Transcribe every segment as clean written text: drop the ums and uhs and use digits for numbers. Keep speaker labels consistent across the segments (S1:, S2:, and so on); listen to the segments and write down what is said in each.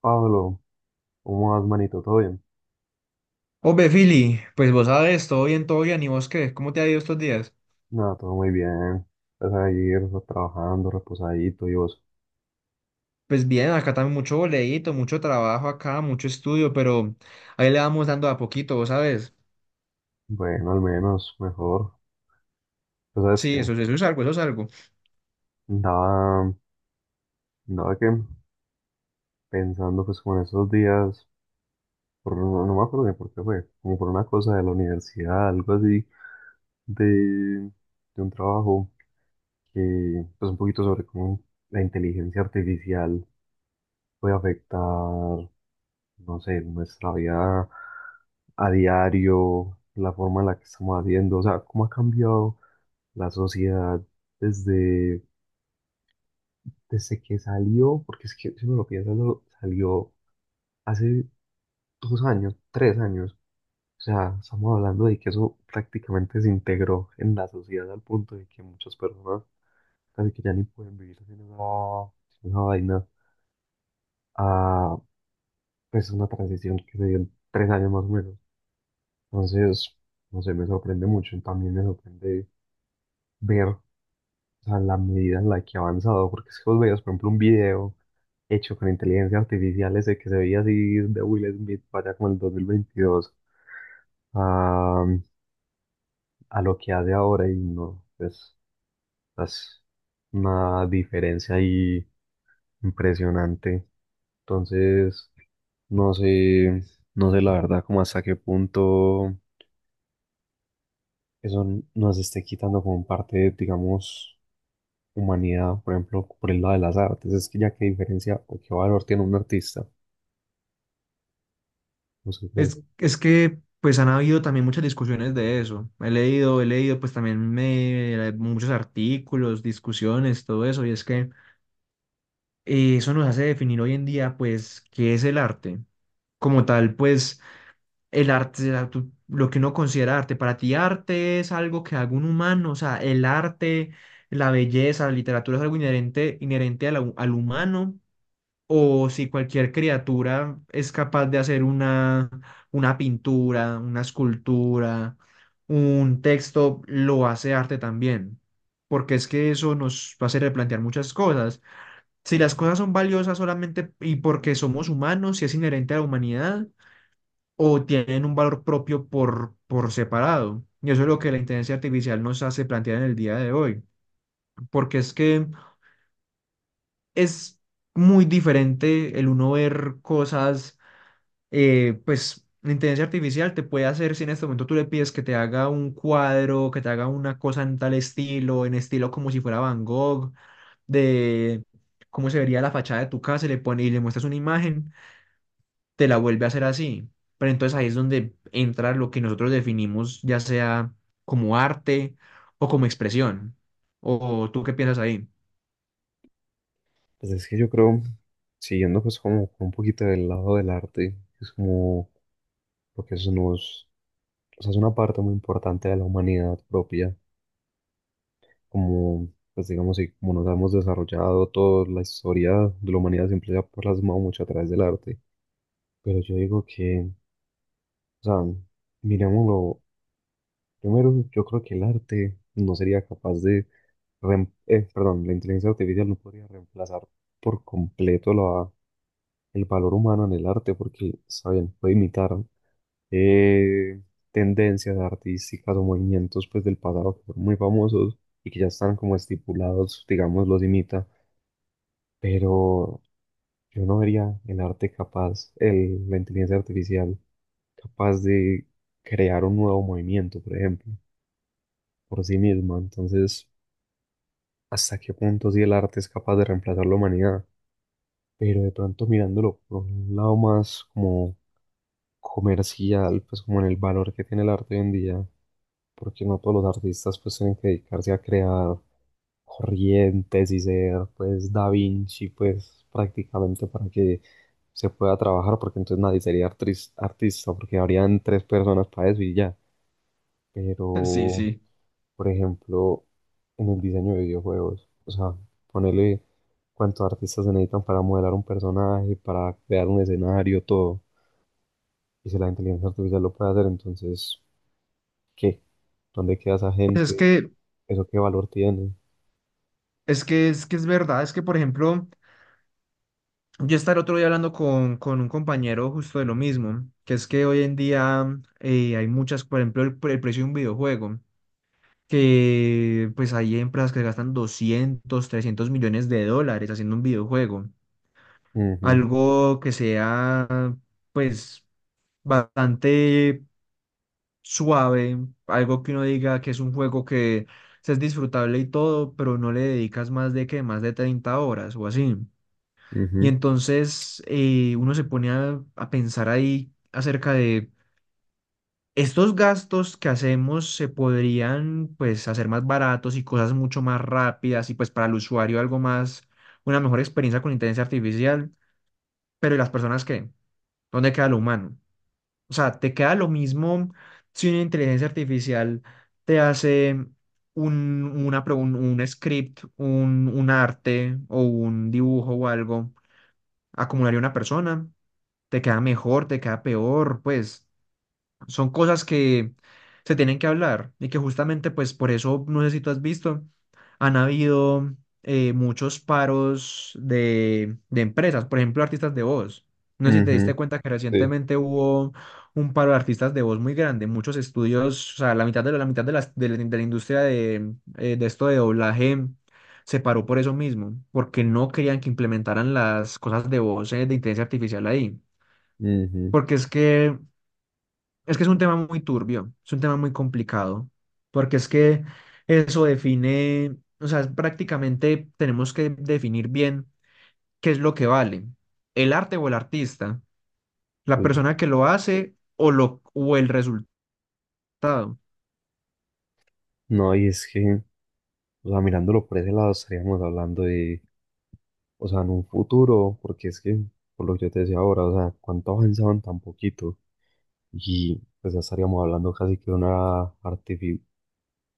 S1: Pablo, ¿cómo vas, manito? ¿Todo bien?
S2: Obe, Fili, pues vos sabes, todo bien, ¿y vos qué? ¿Cómo te ha ido estos días?
S1: Nada, todo muy bien. Pues ahí, pues, trabajando, reposadito y vos.
S2: Pues bien, acá también mucho boleíto, mucho trabajo acá, mucho estudio, pero ahí le vamos dando a poquito, vos sabes.
S1: Bueno, al menos, mejor. Pues sabes que
S2: Sí, eso es algo, eso es algo.
S1: andaba, andaba que pensando pues como en esos días, no, no me acuerdo bien por qué fue, como por una cosa de la universidad, algo así, de, de un trabajo que, pues un poquito sobre cómo la inteligencia artificial puede afectar no sé, nuestra vida a diario, la forma en la que estamos haciendo, o sea, cómo ha cambiado la sociedad desde, desde que salió, porque es que si uno lo piensa, salió hace 2 años, 3 años, o sea, estamos hablando de que eso prácticamente se integró en la sociedad al punto de que muchas personas casi que ya ni pueden vivir sin esa vaina, a pues una transición que se dio en 3 años más o menos. Entonces, no sé, me sorprende mucho, y también me sorprende ver, o sea, la medida en la que ha avanzado, porque es que vos veías, por ejemplo, un video hecho con inteligencia artificial ese que se veía así de Will Smith para allá como el 2022 a, a lo que hace ahora y no, pues, es una diferencia ahí impresionante. Entonces, no sé, no sé la verdad como hasta qué punto eso nos esté quitando como parte, digamos, humanidad, por ejemplo, por el lado de las artes, es que ya qué diferencia o qué valor tiene un artista, no sé ustedes.
S2: Es que pues han habido también muchas discusiones de eso. He leído pues también muchos artículos, discusiones, todo eso, y es que eso nos hace definir hoy en día pues qué es el arte. Como tal, pues el arte, lo que uno considera arte. Para ti, arte es algo que haga un humano, o sea, el arte, la belleza, la literatura es algo inherente, inherente a humano, o si cualquier criatura es capaz de hacer una pintura, una escultura, un texto, lo hace arte también. Porque es que eso nos va a hacer replantear muchas cosas. Si las cosas son valiosas solamente y porque somos humanos, si es inherente a la humanidad, o tienen un valor propio por separado. Y eso es lo que la inteligencia artificial nos hace plantear en el día de hoy, porque es que es muy diferente el uno ver cosas, pues la inteligencia artificial te puede hacer, si en este momento tú le pides que te haga un cuadro, que te haga una cosa en tal estilo, en estilo como si fuera Van Gogh, de cómo se vería la fachada de tu casa, y le pone y le muestras una imagen. Te la vuelve a hacer así. Pero entonces ahí es donde entra lo que nosotros definimos, ya sea como arte o como expresión. ¿O tú qué piensas ahí?
S1: Pues es que yo creo, siguiendo pues como un poquito del lado del arte, es como, porque eso nos, o sea, es una parte muy importante de la humanidad propia, como, pues digamos, y como nos hemos desarrollado toda la historia de la humanidad siempre se ha plasmado mucho a través del arte, pero yo digo que, o sea, miremoslo, primero yo creo que el arte no sería capaz de perdón, la inteligencia artificial no podría reemplazar por completo el valor humano en el arte porque, saben, puede imitar eh, tendencias artísticas o movimientos pues, del pasado que fueron muy famosos y que ya están como estipulados, digamos, los imita, pero yo no vería el arte capaz, la inteligencia artificial capaz de crear un nuevo movimiento, por ejemplo, por sí misma. Entonces, ¿hasta qué punto si el arte es capaz de reemplazar la humanidad? Pero de pronto mirándolo por un lado más como comercial, pues como en el valor que tiene el arte hoy en día, porque no todos los artistas pues tienen que dedicarse a crear corrientes y ser pues Da Vinci pues prácticamente para que se pueda trabajar, porque entonces nadie sería artista, porque habrían tres personas para eso y ya,
S2: Sí,
S1: pero
S2: sí.
S1: por ejemplo, en el diseño de videojuegos. O sea, ponerle cuántos artistas se necesitan para modelar un personaje, para crear un escenario, todo. Y si la inteligencia artificial lo puede hacer, entonces, ¿qué? ¿Dónde queda esa
S2: Pues es
S1: gente?
S2: que,
S1: ¿Eso qué valor tiene?
S2: es que, es que es verdad, es que por ejemplo, yo estaba el otro día hablando con un compañero justo de lo mismo, que es que hoy en día hay muchas, por ejemplo, el precio de un videojuego, que pues hay empresas que gastan 200, 300 millones de dólares haciendo un videojuego.
S1: Ujú,
S2: Algo que sea pues bastante suave, algo que uno diga que es un juego que sí es disfrutable y todo, pero no le dedicas más de que más de 30 horas o así. Y
S1: ujú,
S2: entonces uno se pone a pensar ahí acerca de estos gastos que hacemos se podrían pues hacer más baratos y cosas mucho más rápidas y pues para el usuario algo más, una mejor experiencia con inteligencia artificial, pero ¿y las personas qué? ¿Dónde queda lo humano? O sea, te queda lo mismo si una inteligencia artificial te hace un, una un script, un arte o un dibujo o algo, acumularía una persona, te queda mejor, te queda peor, pues son cosas que se tienen que hablar y que justamente pues por eso, no sé si tú has visto, han habido muchos paros de empresas, por ejemplo, artistas de voz. No sé si te
S1: ujú,
S2: diste cuenta que
S1: sí,
S2: recientemente hubo un paro de artistas de voz muy grande, muchos estudios, o sea, la mitad de la industria de esto de doblaje se paró por eso mismo, porque no querían que implementaran las cosas de voz de inteligencia artificial ahí.
S1: ujú,
S2: Porque es que es un tema muy turbio, es un tema muy complicado, porque es que eso define, o sea, prácticamente tenemos que definir bien qué es lo que vale, el arte o el artista, la
S1: sí.
S2: persona que lo hace o, lo, o el resultado.
S1: No, y es que, o sea, mirándolo por ese lado, estaríamos hablando de, o sea, en un futuro, porque es que, por lo que yo te decía ahora, o sea, cuánto avanzaban tan poquito. Y pues ya estaríamos hablando casi que de una artificial,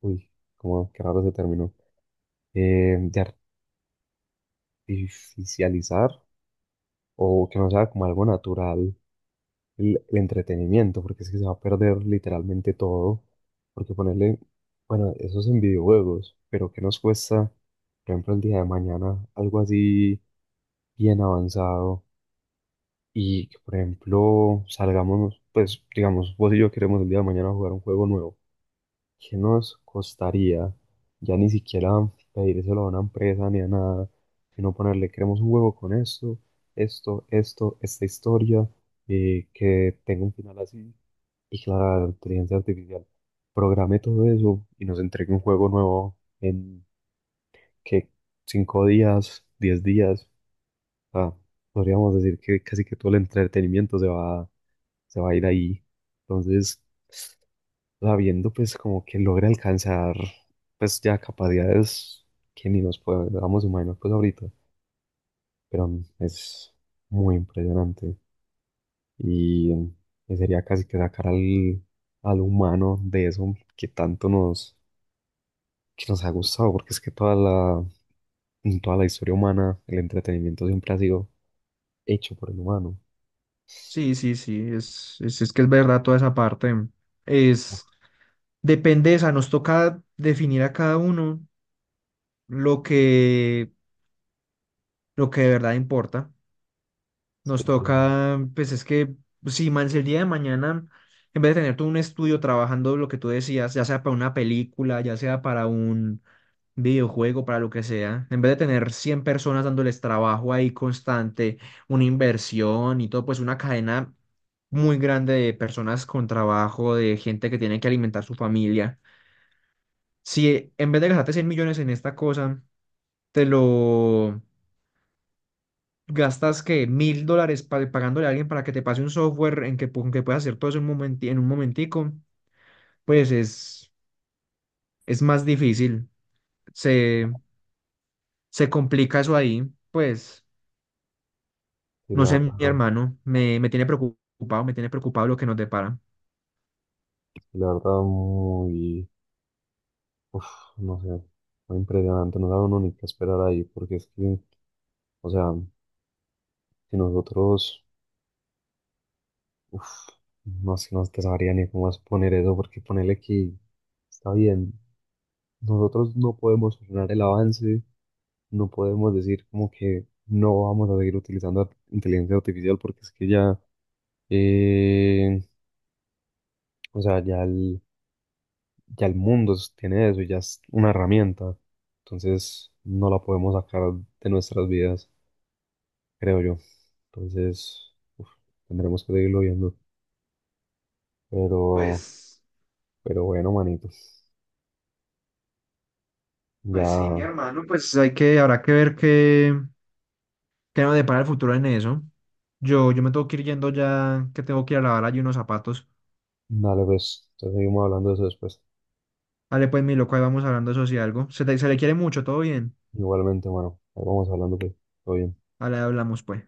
S1: uy, como que raro se terminó, de artificializar o que no sea como algo natural el entretenimiento, porque es que se va a perder literalmente todo, porque ponerle, bueno, eso es en videojuegos, pero ¿qué nos cuesta, por ejemplo, el día de mañana algo así bien avanzado y que, por ejemplo, salgamos, pues digamos, vos y yo queremos el día de mañana jugar un juego nuevo? ¿Qué nos costaría? Ya ni siquiera pedírselo a una empresa ni a nada, sino ponerle, queremos un juego con esto, esto, esto, esta historia, que tenga un final así, y que la inteligencia artificial programe todo eso y nos entregue un juego nuevo en que 5 días, 10 días. O sea, podríamos decir que casi que todo el entretenimiento se va a ir ahí. Entonces, sabiendo pues como que logra alcanzar pues ya capacidades que ni nos podamos imaginar pues ahorita, pero es muy impresionante y y sería casi que sacar al humano de eso que tanto nos, que nos ha gustado, porque es que en toda la historia humana el entretenimiento siempre ha sido hecho por el humano.
S2: Sí, sí, sí, es que es verdad toda esa parte. Es, depende, o sea, nos toca definir a cada uno lo que, lo que de verdad importa.
S1: Sí,
S2: Nos
S1: sí,
S2: toca, pues es que, si man, si el día de mañana, en vez de tener todo un estudio trabajando lo que tú decías, ya sea para una película, ya sea para un videojuego, para lo que sea, en vez de tener 100 personas dándoles trabajo ahí constante, una inversión y todo, pues una cadena muy grande de personas con trabajo, de gente que tiene que alimentar su familia. Si en vez de gastarte 100 millones en esta cosa, te lo gastas que 1.000 dólares pagándole a alguien para que te pase un software en que, que puedas hacer todo eso en un en un momentico, pues es más difícil. Se, se complica eso ahí. Pues,
S1: sí,
S2: no
S1: la
S2: sé, mi
S1: verdad,
S2: hermano, me tiene preocupado lo que nos depara.
S1: sí, la verdad muy, uf, no sé, muy impresionante, no sabe uno ni qué esperar ahí, porque es que o sea, si nosotros, uf, no sé, no te sabría ni cómo exponer eso, porque ponerle que está bien. Nosotros no podemos frenar el avance, no podemos decir como que no vamos a seguir utilizando inteligencia artificial, porque es que ya, eh, o sea, ya el mundo tiene eso, ya es una herramienta. Entonces, no la podemos sacar de nuestras vidas, creo yo. Entonces, uf, tendremos que seguirlo viendo, pero.
S2: Pues,
S1: Pero bueno, manitos.
S2: pues sí, mi
S1: Ya,
S2: hermano, pues hay que, habrá que ver qué, qué nos depara el futuro en eso. Yo me tengo que ir yendo ya, que tengo que ir a lavar allí unos zapatos.
S1: dale pues. Entonces seguimos hablando de eso después.
S2: Dale, pues, mi loco, ahí vamos hablando eso si algo. Se le quiere mucho, todo bien.
S1: Igualmente, mano. Ahí vamos hablando pues. Todo bien.
S2: Ahora hablamos, pues.